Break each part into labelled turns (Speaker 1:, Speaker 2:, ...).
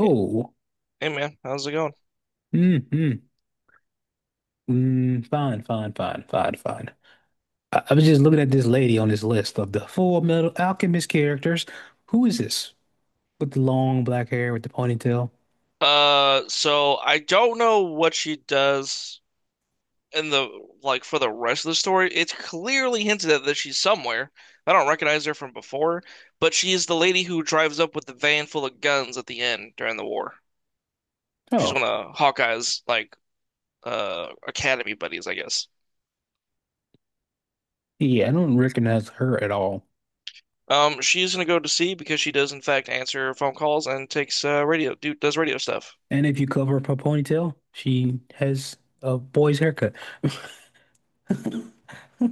Speaker 1: Hey, hey, man, how's it going?
Speaker 2: Mm-hmm. Mm, mm, fine, fine, fine, fine, fine. I was just looking at this lady on this list of the Full Metal Alchemist characters. Who is this? With the long black hair with the ponytail?
Speaker 1: So I don't know what she does in the like for the rest of the story. It's clearly hinted at that she's somewhere. I don't recognize her from before, but she is the lady who drives up with the van full of guns at the end during the war. She's
Speaker 2: Oh,
Speaker 1: one of Hawkeye's like academy buddies, I guess.
Speaker 2: yeah, I don't recognize her at all.
Speaker 1: She's gonna go to sea because she does in fact answer phone calls and takes radio do does radio stuff.
Speaker 2: And if you cover up her ponytail, she has a boy's haircut.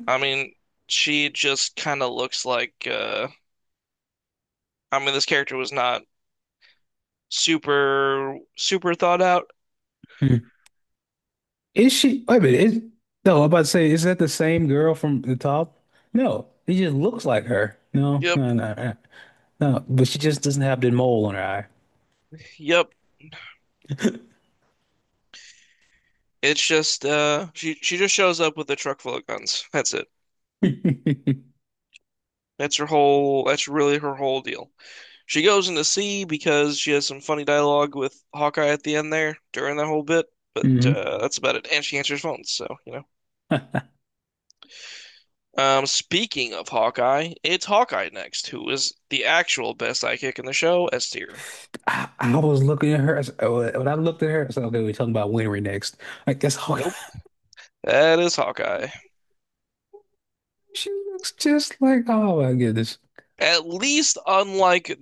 Speaker 1: I mean, she just kind of looks like. I mean, this character was not super super thought out.
Speaker 2: Hmm. Is she? Wait a minute. No, I'm about to say, is that the same girl from the top? No, it just looks like her. No,
Speaker 1: Yep,
Speaker 2: no, no, no. No, but she just doesn't have the mole on her eye.
Speaker 1: yep. It's just she just shows up with a truck full of guns. That's it.
Speaker 2: Hmm.
Speaker 1: That's really her whole deal. She goes into sea because she has some funny dialogue with Hawkeye at the end there during that whole bit, but that's about it. And she answers phones, so.
Speaker 2: I,
Speaker 1: Speaking of Hawkeye, it's Hawkeye next, who is the actual best sidekick in the show, S tier.
Speaker 2: I was looking at her. I said- When I looked at her, I said, "Okay, we're talking about Winry next." Like that's all.
Speaker 1: Nope. That is Hawkeye.
Speaker 2: She looks just like. Oh my goodness.
Speaker 1: At least unlike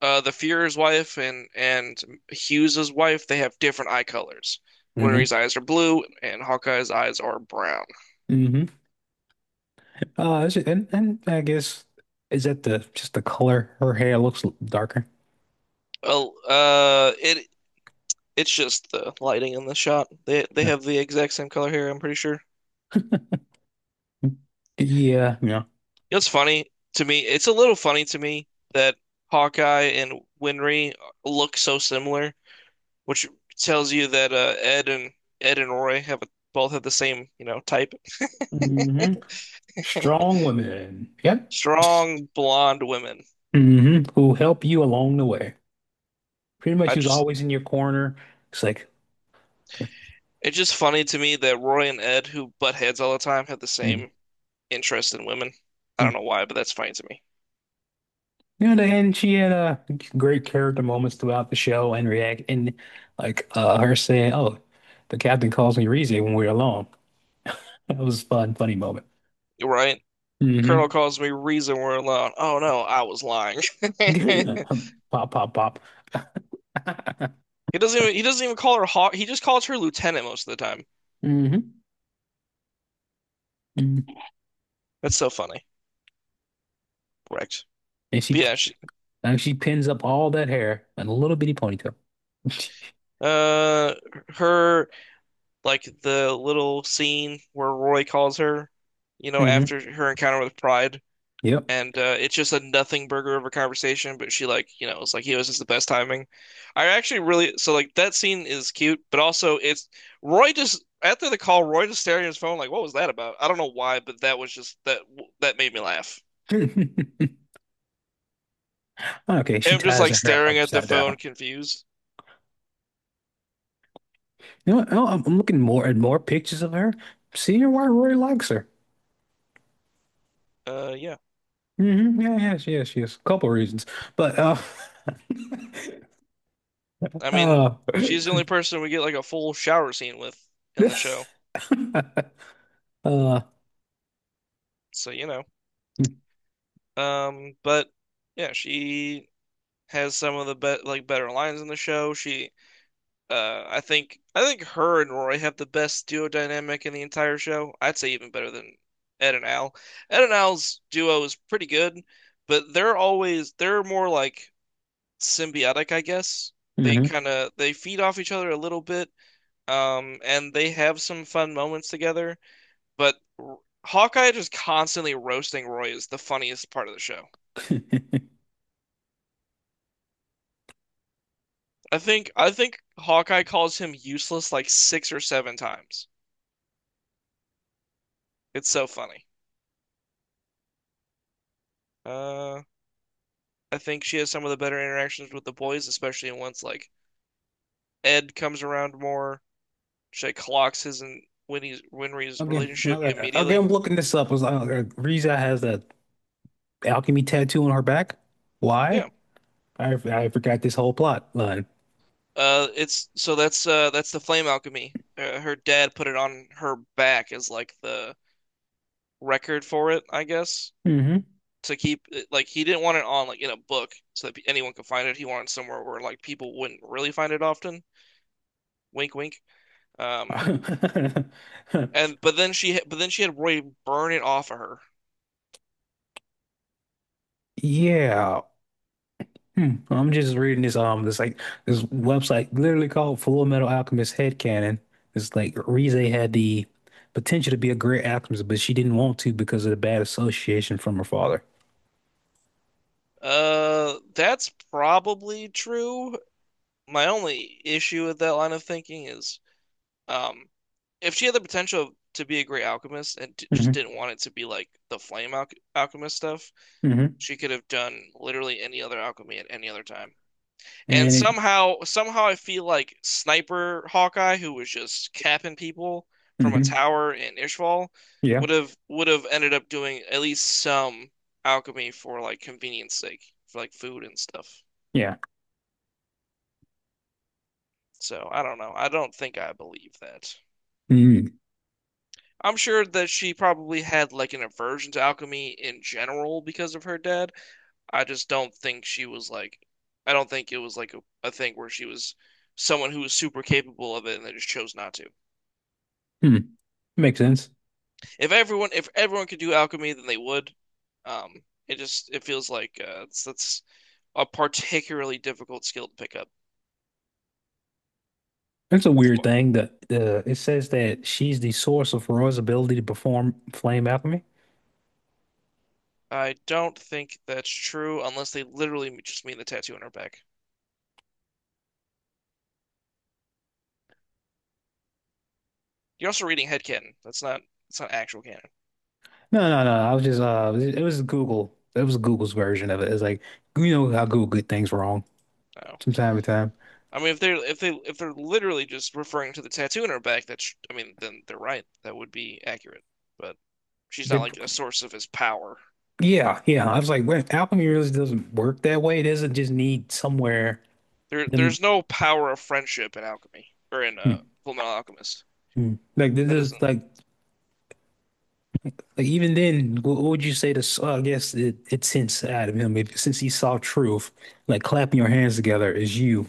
Speaker 1: the Fuhrer's wife and Hughes's wife, they have different eye colors.
Speaker 2: Hmm.
Speaker 1: Winry's eyes are blue, and Hawkeye's eyes are brown.
Speaker 2: Hmm. Is and I guess is that the just the color? Her hair looks darker.
Speaker 1: Well, it's just the lighting in the shot. They
Speaker 2: Yeah.
Speaker 1: have the exact same color hair. I'm pretty sure.
Speaker 2: Yeah. Yeah.
Speaker 1: It's funny to me. It's a little funny to me that Hawkeye and Winry look so similar, which tells you that Ed and Roy both have the same type.
Speaker 2: Hmm. Strong women. Yep.
Speaker 1: Strong blonde women.
Speaker 2: Hmm. Who help you along the way. Pretty much,
Speaker 1: I
Speaker 2: who's
Speaker 1: just
Speaker 2: always in your corner. It's like.
Speaker 1: It's just funny to me that Roy and Ed, who butt heads all the time, have the
Speaker 2: Mhm.
Speaker 1: same interest in women. I don't know why, but that's funny to me.
Speaker 2: You know, and she had great character moments throughout the show and react and her saying, "Oh, the captain calls me Rize when we're alone." That was a funny moment.
Speaker 1: Right? Colonel
Speaker 2: Hmm.
Speaker 1: calls me reason we're alone. Oh no, I was lying.
Speaker 2: Pop, pop, pop.
Speaker 1: He doesn't even call her Hawk. He just calls her Lieutenant most of the time.
Speaker 2: Hmm. And
Speaker 1: That's so funny. Correct.
Speaker 2: she
Speaker 1: But yeah, she,
Speaker 2: and she pins up all that hair in a little bitty ponytail.
Speaker 1: uh, her like the little scene where Roy calls her,
Speaker 2: Hmm.
Speaker 1: after her encounter with Pride,
Speaker 2: Yep.
Speaker 1: and it's just a nothing burger of a conversation. But she like it's like he was just the best timing. I actually really so like that scene is cute, but also it's Roy just after the call, Roy just staring at his phone like what was that about? I don't know why, but that was just that made me laugh.
Speaker 2: Okay, she
Speaker 1: Him just
Speaker 2: ties
Speaker 1: like
Speaker 2: her hair
Speaker 1: staring at the
Speaker 2: upside down.
Speaker 1: phone, confused.
Speaker 2: You know, what? Oh, I'm looking more at more pictures of her. Seeing why Rory likes her.
Speaker 1: Yeah.
Speaker 2: Hmm. Yeah, yes, yes, yes. Couple reasons, but
Speaker 1: I mean,
Speaker 2: uh,
Speaker 1: she's the only person we get like a full shower scene with in the show,
Speaker 2: uh,
Speaker 1: so. But yeah, she has some of the be like better lines in the show. She I think her and Roy have the best duo dynamic in the entire show. I'd say even better than Ed and Al. Ed and Al's duo is pretty good, but they're more like symbiotic, I guess. They
Speaker 2: mhm.
Speaker 1: kind of they feed off each other a little bit, and they have some fun moments together. But Hawkeye just constantly roasting Roy is the funniest part of the show. I think Hawkeye calls him useless like six or seven times. It's so funny. Uh, I think she has some of the better interactions with the boys, especially once like Ed comes around more. She like, clocks his and Winnie's Winry's
Speaker 2: Okay,
Speaker 1: relationship
Speaker 2: okay, okay. I'm
Speaker 1: immediately.
Speaker 2: looking this up. It's like, Riza has that alchemy tattoo on her back. Why?
Speaker 1: Yeah.
Speaker 2: I forgot this whole plot line.
Speaker 1: It's so that's the flame alchemy. Her dad put it on her back as like the record for it, I guess,
Speaker 2: Hmm.
Speaker 1: to keep like he didn't want it on like in a book so that anyone could find it. He wanted somewhere where like people wouldn't really find it often. Wink, wink. Um, and but then she had Roy burn it off of her.
Speaker 2: Yeah. Hmm. Well, I'm just reading this website literally called Full Metal Alchemist Headcanon. It's like Rize had the potential to be a great alchemist, but she didn't want to because of the bad association from her father.
Speaker 1: That's probably true. My only issue with that line of thinking is, um, if she had the potential to be a great alchemist and t just
Speaker 2: Hmm.
Speaker 1: didn't want it to be like the flame alchemist stuff,
Speaker 2: Hmm.
Speaker 1: she could have done literally any other alchemy at any other time. And
Speaker 2: And it
Speaker 1: somehow, I feel like Sniper Hawkeye, who was just capping people from a
Speaker 2: Hmm,
Speaker 1: tower in Ishval,
Speaker 2: yeah.
Speaker 1: would have ended up doing at least some alchemy for like convenience sake, for like food and stuff.
Speaker 2: Yeah.
Speaker 1: So I don't know. I don't think I believe that.
Speaker 2: Mm.
Speaker 1: I'm sure that she probably had like an aversion to alchemy in general because of her dad. I just don't think she was like, I don't think it was like a thing where she was someone who was super capable of it and they just chose not to.
Speaker 2: Mm. Makes sense.
Speaker 1: If everyone could do alchemy, then they would. Um, it feels like that's a particularly difficult skill to pick up.
Speaker 2: It's a weird thing that the it says that she's the source of Roy's ability to perform flame alchemy.
Speaker 1: I don't think that's true unless they literally just mean the tattoo on her back. You're also reading head canon. That's not It's not actual canon.
Speaker 2: No, no, no. I was just it was Google. It was Google's version of it. It's like you know how Google get things wrong
Speaker 1: No.
Speaker 2: from time to time.
Speaker 1: I mean, if they're if they if they're literally just referring to the tattoo in her back, that's I mean, then they're right. That would be accurate. But she's not
Speaker 2: They,
Speaker 1: like a source of his power.
Speaker 2: yeah, yeah. I was like, well, alchemy really doesn't work that way. It doesn't just need somewhere
Speaker 1: There
Speaker 2: them.
Speaker 1: there's no power of friendship in alchemy or in
Speaker 2: Hmm.
Speaker 1: Full Metal Alchemist.
Speaker 2: Hmm. like this
Speaker 1: That
Speaker 2: is
Speaker 1: isn't.
Speaker 2: like even then, what would you say to? S- I guess it's inside of him. If, since he saw truth, like clapping your hands together is you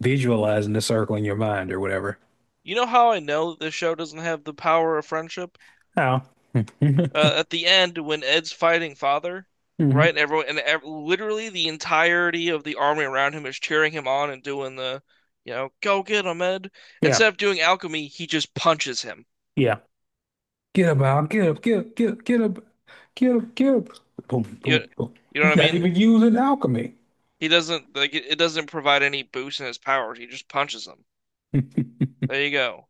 Speaker 2: visualizing the circle in your mind or whatever.
Speaker 1: You know how I know this show doesn't have the power of friendship?
Speaker 2: Oh, hmm.
Speaker 1: At the end when Ed's fighting father,
Speaker 2: Hmm.
Speaker 1: right? everyone and ev Literally the entirety of the army around him is cheering him on and doing the, go get him, Ed.
Speaker 2: Yeah,
Speaker 1: Instead of doing alchemy, he just punches him.
Speaker 2: yeah. Get up, Al. Get up, get up, get up, get up, get up, get up. Boom,
Speaker 1: You,
Speaker 2: boom, boom.
Speaker 1: you know what
Speaker 2: He's
Speaker 1: I
Speaker 2: not
Speaker 1: mean?
Speaker 2: even using alchemy.
Speaker 1: He doesn't like it. It doesn't provide any boost in his powers. He just punches him. There you go.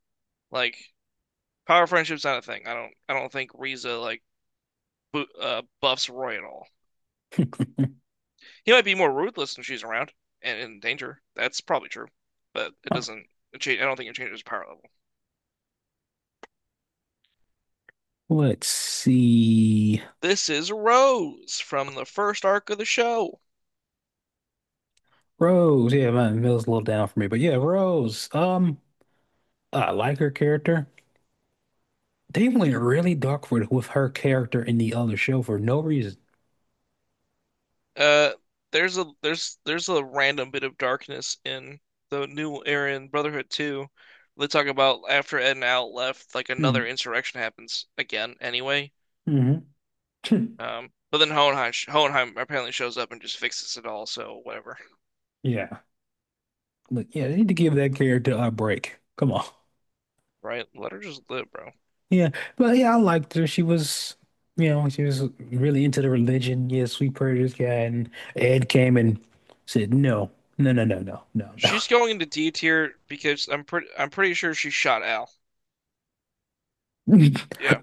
Speaker 1: Like power friendship's not a thing. I don't think Riza like bo buffs Roy at all. He might be more ruthless when she's around and in danger. That's probably true, but it
Speaker 2: Huh.
Speaker 1: doesn't change. I don't think it changes power level.
Speaker 2: Let's see.
Speaker 1: This is Rose from the first arc of the show.
Speaker 2: Rose, yeah, man, Mill's a little down for me, but yeah, Rose. I like her character. They went really dark with her character in the other show for no reason.
Speaker 1: Uh, there's a random bit of darkness in the new era in Brotherhood 2. They talk about after Ed and Al left, like another insurrection happens again anyway.
Speaker 2: Mm-hmm.
Speaker 1: But then Hohenheim apparently shows up and just fixes it all, so whatever.
Speaker 2: Yeah, but yeah, they need to give that character a break. Come on.
Speaker 1: Right? Let her just live, bro.
Speaker 2: Yeah, but yeah, I liked her. She was, you know, she was really into the religion. Yeah, sweet prayer this guy, and Ed came and said, "No, no, no, no, no, no,
Speaker 1: She's going into D tier because I'm pretty sure she shot Al.
Speaker 2: no."
Speaker 1: Yeah.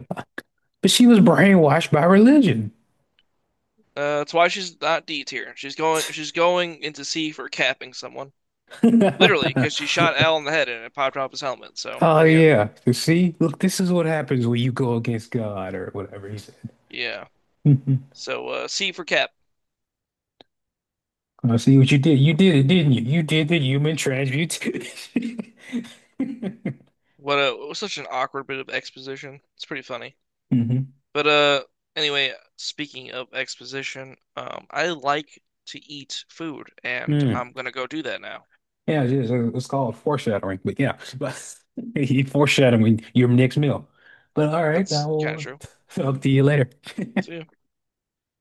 Speaker 2: But she was brainwashed by religion.
Speaker 1: That's why she's not D tier. She's going into C for capping someone. Literally, because she shot Al in the head and it popped off his helmet. So
Speaker 2: Oh
Speaker 1: there you go.
Speaker 2: yeah. You see, look, this is what happens when you go against God or whatever he said.
Speaker 1: Yeah.
Speaker 2: Mhm.
Speaker 1: So C for cap.
Speaker 2: I see what you did. You did it, didn't you? You did the human transmutation.
Speaker 1: What a it was such an awkward bit of exposition. It's pretty funny.
Speaker 2: Hmm.
Speaker 1: But anyway, speaking of exposition, I like to eat food and
Speaker 2: Mm.
Speaker 1: I'm gonna go do that now.
Speaker 2: Yeah, it's, it's called foreshadowing. But yeah, but he foreshadowing your next meal. But all right, I
Speaker 1: That's kind of
Speaker 2: will
Speaker 1: true.
Speaker 2: talk to you later.
Speaker 1: So yeah.